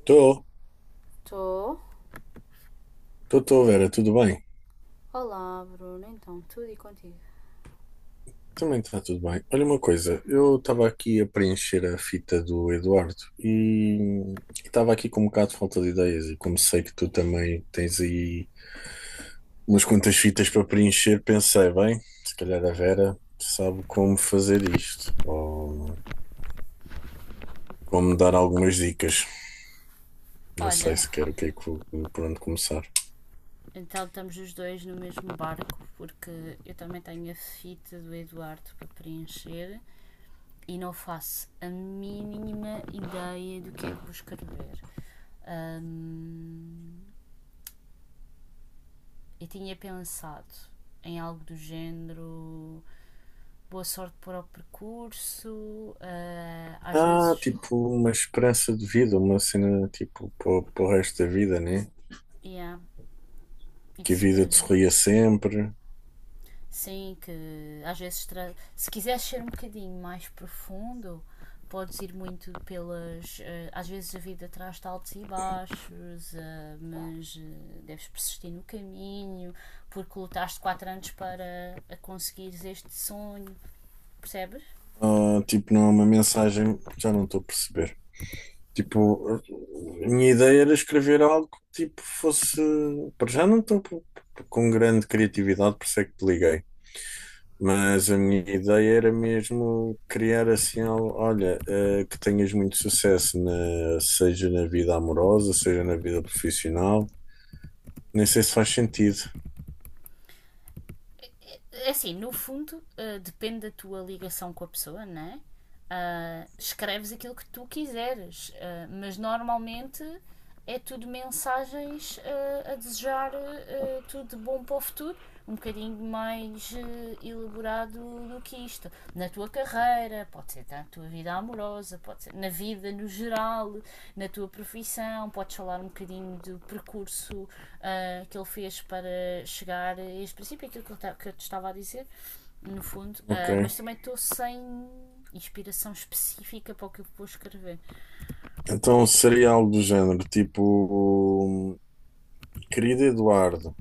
Estou, Estou. estou, Vera, tudo bem? Olá, Bruno. Então, tudo e contigo? Também está tudo bem. Olha, uma coisa, eu estava aqui a preencher a fita do Eduardo e estava aqui com um bocado de falta de ideias, e como sei que tu também tens aí umas quantas fitas para preencher, pensei, bem, se calhar a Vera sabe como fazer isto ou como dar algumas dicas. Não sei Olha, sequer o que é que por onde começar. então estamos os dois no mesmo barco, porque eu também tenho a fita do Eduardo para preencher e não faço a mínima ideia do que é que vou escrever. Hum, eu tinha pensado em algo do género boa sorte para o percurso, às Ah, vezes, tipo, uma esperança de vida, uma cena tipo para o resto da vida, né? yeah, Que a isso vida te mesmo. sorria sempre. Sim, que às vezes se quiseres ser um bocadinho mais profundo, podes ir muito pelas. Às vezes a vida traz-te altos e baixos, mas deves persistir no caminho, porque lutaste quatro anos para a conseguires este sonho, percebes? Ah, tipo, não é uma mensagem, já não estou a perceber. Tipo, a minha ideia era escrever algo que tipo fosse. Para já não estou com grande criatividade, por isso é que te liguei. Mas a minha ideia era mesmo criar assim algo, olha, que tenhas muito sucesso, seja na vida amorosa, seja na vida profissional. Nem sei se faz sentido. É assim, no fundo, depende da tua ligação com a pessoa, não é? Escreves aquilo que tu quiseres, mas normalmente é tudo mensagens a desejar tudo de bom para o futuro, um bocadinho mais elaborado do que isto. Na tua carreira, pode ser na tua vida amorosa, pode ser na vida no geral, na tua profissão, podes falar um bocadinho do percurso que ele fez para chegar a este princípio, aquilo que eu te estava a dizer, no fundo. Ok. Ah, mas também estou sem inspiração específica para o que eu vou escrever. Então seria algo do género, tipo, querido Eduardo,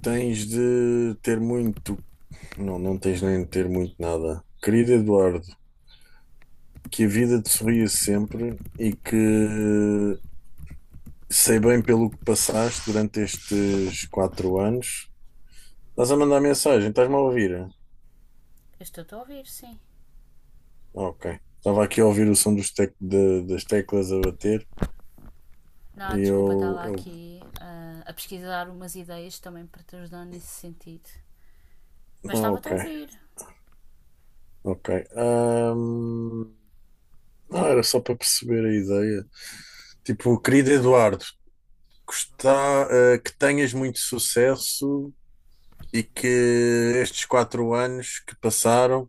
tens de ter muito. Não, não tens nem de ter muito nada. Querido Eduardo, que a vida te sorria sempre e que sei bem pelo que passaste durante estes 4 anos. Estás a mandar mensagem, estás-me a ouvir? Eu estou-te a ouvir, sim. Ok. Estava aqui a ouvir o som dos das teclas a bater e Não, desculpa, está eu, lá eu... aqui a pesquisar umas ideias também para te ajudar nesse sentido. Mas estava-te Ok, a ouvir. ok. Ahm, Não, era só para perceber a ideia. Tipo, querido Eduardo, gostar, que tenhas muito sucesso e que estes 4 anos que passaram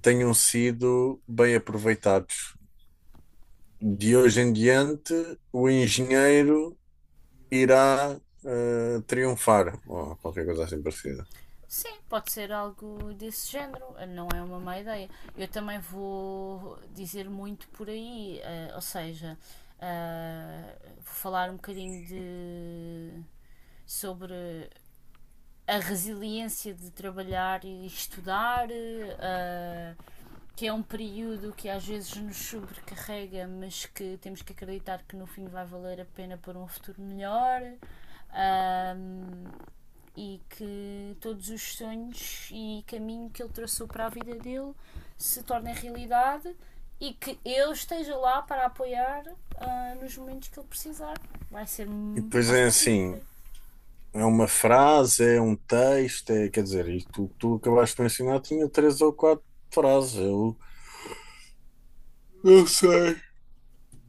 tenham sido bem aproveitados. De hoje em diante, o engenheiro irá triunfar, ou qualquer coisa assim parecida. Sim, pode ser algo desse género, não é uma má ideia. Eu também vou dizer muito por aí, ou seja, vou falar um bocadinho de sobre a resiliência de trabalhar e estudar, ah, que é um período que às vezes nos sobrecarrega, mas que temos que acreditar que no fim vai valer a pena por um futuro melhor. ahm, e que todos os sonhos e caminho que ele traçou para a vida dele se tornem realidade e que eu esteja lá para apoiar nos momentos que ele precisar. Vai ser. E depois Acho que é vai ser muito assim, bem. é uma frase, é um texto, é, quer dizer, e tu, tu acabaste de me ensinar, tinha três ou quatro frases. Eu não sei.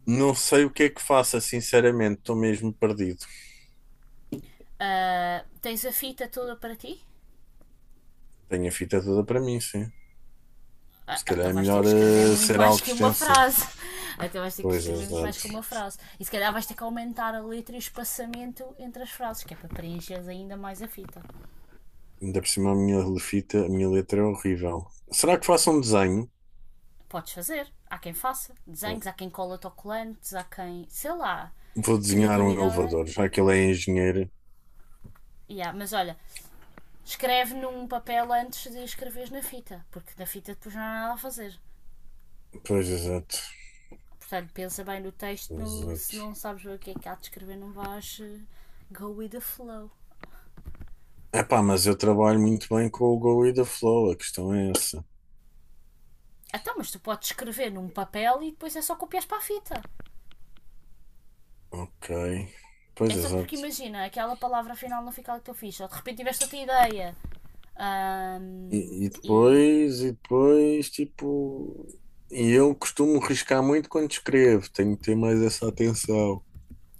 Não sei o que é que faça, sinceramente, estou mesmo perdido. Ah, tens a fita toda para ti? Tenho a fita toda para mim, sim. Ah, Se calhar então é vais ter melhor que escrever muito ser mais algo que uma extenso. frase. Ah, Então vais ter que Pois, escrever muito mais exato. que uma frase. E se calhar vais ter que aumentar a letra e o espaçamento entre as frases, que é para preencheres ainda mais a fita. Ainda por cima a minha letra é horrível. Será que faço um desenho? Podes fazer. Há quem faça Pô, desenhos, há quem cola autocolantes, há quem. Sei lá. vou desenhar um Criatividade. elevador, já que ele é engenheiro. Yeah, mas olha, escreve num papel antes de escreveres na fita, porque na fita depois não há nada a fazer. Pois, exato. Portanto, pensa bem no texto, se Exato. não sabes o que é que há de escrever, não vais go with the flow. Epá, mas eu trabalho muito bem com o Go e da Flow, a questão é essa. Então, mas tu podes escrever num papel e depois é só copias para a fita. Ok. É Pois, só porque exato. imagina, aquela palavra final não fica ali que tu fiz, ou de repente tiveste outra ideia. Ahm, E, e e. depois, e depois, tipo... E eu costumo riscar muito quando escrevo, tenho que ter mais essa atenção.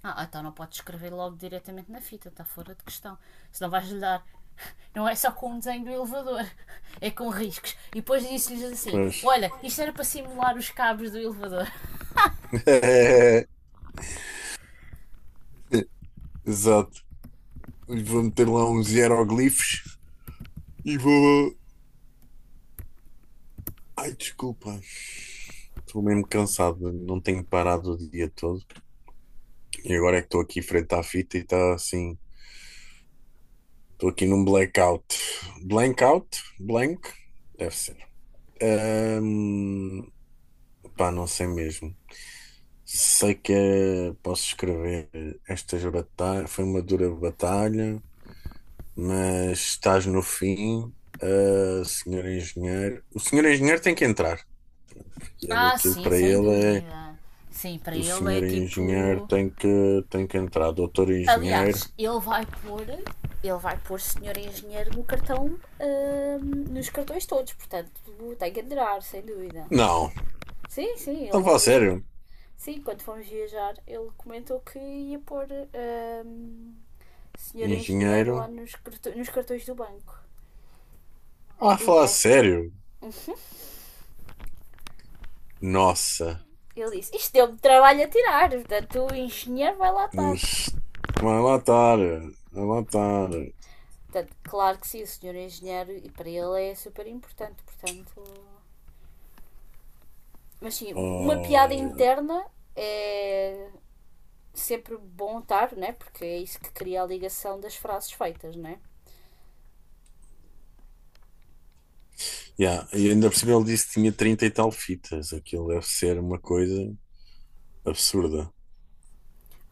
Ah, então não podes escrever logo diretamente na fita, está fora de questão. Senão vais lhe dar. Não é só com o desenho do elevador, é com riscos. E depois disse-lhes assim: Pois. Olha, isto era para simular os cabos do elevador. Exato. Vou meter lá uns hieroglifos. E vou. Ai, desculpa. Estou mesmo cansado, não tenho parado o dia todo. E agora é que estou aqui frente à fita e está assim. Estou aqui num blackout. Blackout? Blank? Deve ser. Ahm, pá, não sei mesmo. Sei que posso escrever estas batalhas. Foi uma dura batalha, mas estás no fim. Ah, senhor engenheiro. O senhor engenheiro tem que entrar. Ele, Ah, aquilo sim, para sem ele é... dúvida. Sim, para O ele é senhor tipo. engenheiro tem que entrar. Doutor engenheiro. Aliás, ele vai pôr senhor engenheiro no cartão, hum, nos cartões todos, portanto, tem que aderar, sem dúvida. Não, Sim, sim, ele não a uma falar vez comentou. sério. Sim, quando fomos viajar, ele comentou que ia pôr hum, senhor engenheiro lá Engenheiro. Nos cartões do banco. Ah, a E, falar não é, sério. Nossa. ele disse, isto deu-me trabalho a tirar, portanto o engenheiro vai lá estar. Ux, vai lá estar. Vai lá estar. Portanto, claro que sim, o senhor engenheiro, e para ele é super importante, portanto... Mas sim, uma piada Oh, interna é sempre bom estar, né? Porque é isso que cria a ligação das frases feitas, né? yeah. E ainda por cima ele disse que tinha trinta e tal fitas. Aquilo deve ser uma coisa absurda.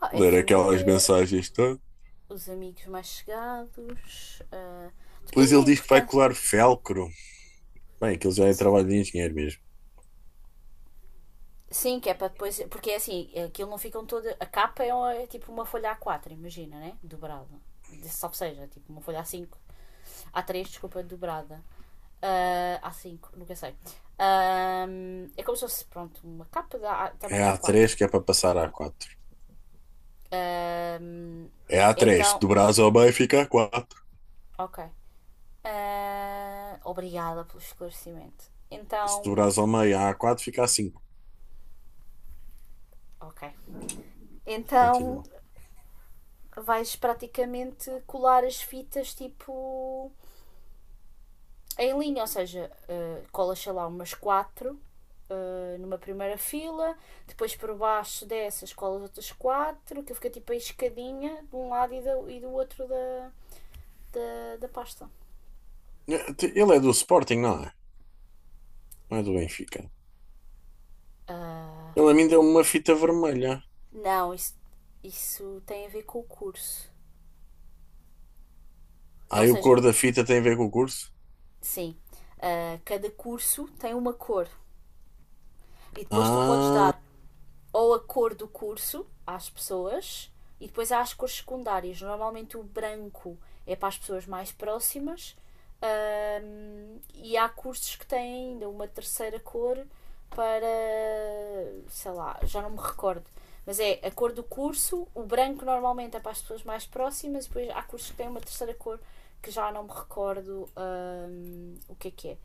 Ah, é Ler aquelas família, mensagens todas. os amigos mais chegados. Pois, Depende da ele diz que vai importância. colar felcro. Bem, aquilo já é trabalho de engenheiro mesmo. Sim, que é para depois. Porque é assim, aquilo não ficam toda. A capa é, é tipo uma folha A4, imagina, né? Dobrada. Salvo seja, tipo uma folha A5. A três desculpa, dobrada. Ah, a cinco nunca sei. É como se fosse, pronto, uma capa da também É tamanho a A4. três que é para passar a A4. Ahm, É a três, então, do Brasil ao meio fica a quatro. ok. Ah, obrigada pelo esclarecimento. Se do Então, Brasil ao meio a quatro fica a cinco. ok. Então Continua. vais praticamente colar as fitas tipo em linha, ou seja, colas sei lá umas quatro numa primeira fila, depois por baixo dessas colas outras quatro, que fica tipo a escadinha de um lado e e do outro da pasta. Ele é do Sporting, não é? Não é do Benfica. Ah, Ele a mim deu uma fita vermelha. não, isso tem a ver com o curso. Ou Aí o seja, cor da fita tem a ver com o curso? sim, cada curso tem uma cor e depois tu podes Ah, dar ou a cor do curso às pessoas e depois há as cores secundárias. Normalmente o branco é para as pessoas mais próximas, e há cursos que têm ainda uma terceira cor para sei lá, já não me recordo. Mas é a cor do curso, o branco normalmente é para as pessoas mais próximas, e depois há cursos que têm uma terceira cor que já não me recordo o que é que é.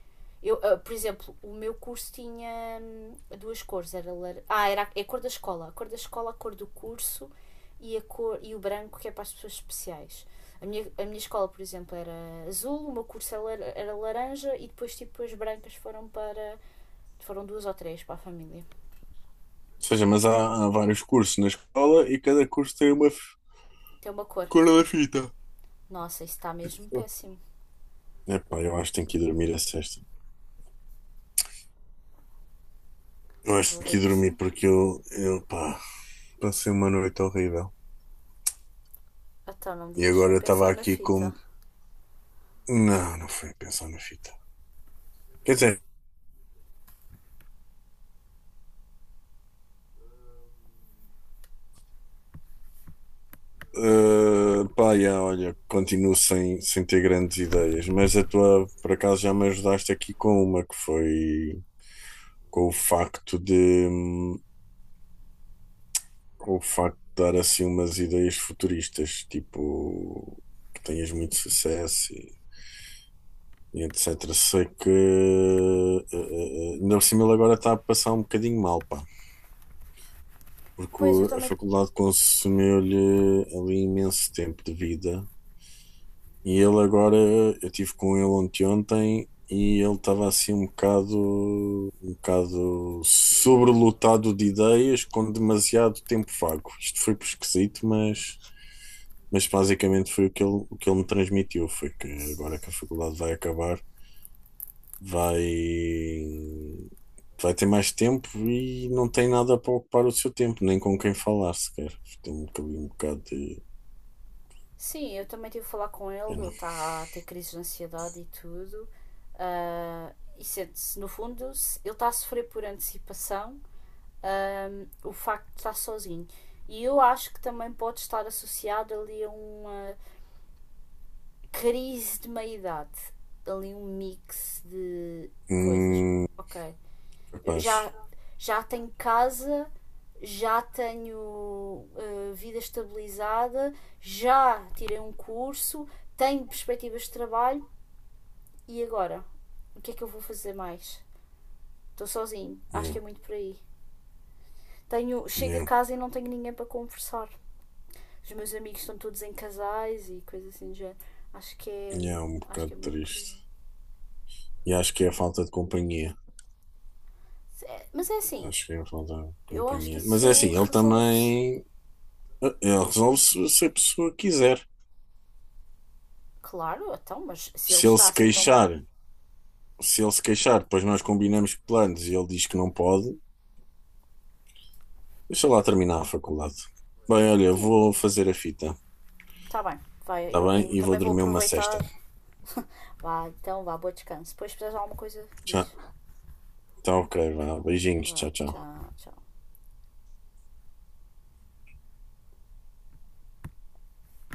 Eu, por exemplo, o meu curso tinha duas cores. Era lar... Ah, era é a cor da escola. A cor da escola, a cor do curso e, a cor, e o branco, que é para as pessoas especiais. A minha escola, por exemplo, era azul, o meu curso era, era laranja e depois, tipo, as brancas foram para. Foram duas ou três para a família. ou seja, mas há vários cursos na escola e cada curso tem uma Tem uma cor. cor da fita. Nossa, isso está mesmo péssimo. Epá, eu acho que tenho que ir dormir a sexta. Eu acho que Estou a tenho que ver ir que dormir sim. porque eu, pá, passei uma noite horrível. Então, não me E digas que agora foi eu estava pensar na aqui fita. como. Não, não foi a pensar na fita. Quer dizer, pá, yeah, olha, continuo sem ter grandes ideias, mas a tua, por acaso, já me ajudaste aqui com uma que foi com o facto de, com o facto de dar assim umas ideias futuristas, tipo que tenhas muito sucesso e etc. Sei que, ainda por cima, ele agora está a passar um bocadinho mal, pá, porque Pois, eu a também. faculdade consumeu-lhe ali imenso tempo de vida. E ele agora, eu estive com ele ontem, ontem, e ele estava assim um bocado sobrelotado de ideias, com demasiado tempo vago. Isto foi esquisito, mas, basicamente foi o que ele me transmitiu, foi que agora que a faculdade vai acabar, vai, vai ter mais tempo e não tem nada para ocupar o seu tempo, nem com quem falar sequer. Tem um bocado de Sim, eu também tive a falar com ele, ele pena. está a ter crises de ansiedade e tudo. ah, e sente-se, no fundo, ele está a sofrer por antecipação, ah, o facto de estar sozinho. E eu acho que também pode estar associado ali a uma crise de meia-idade, ali um mix de coisas. Hum, Ok, eu capaz. já, já tenho casa, já tenho vida estabilizada, já tirei um curso, tenho perspectivas de trabalho e agora? O que é que eu vou fazer mais? Estou sozinho, acho Yeah, que é muito por aí. Tenho, chego a yeah. casa e não tenho ninguém para conversar. Os meus amigos estão todos em casais e coisas assim do género. Acho que é, E é um acho que bocado é muito por aí. triste. E acho que é a falta de companhia. É, mas é assim, Acho que é a falta de eu acho que companhia. Mas é assim, isso ele resolve-se. também ele resolve se, se a pessoa quiser. Claro, então, mas se ele Se ele está se assim tão mal, queixar, se ele se queixar, depois nós combinamos planos e ele diz que não pode, deixa lá terminar a faculdade. Bem, olha, sim, vou fazer a fita, tá bem, vai, tá bem? eu E vou também vou dormir uma aproveitar. sesta. Vá, então, vá, bom descanso. Depois, se precisares de alguma coisa, Tchau. diz. Tá, ok, vá. Beijinhos, Vá, tchau, tchau. tchau, tchau.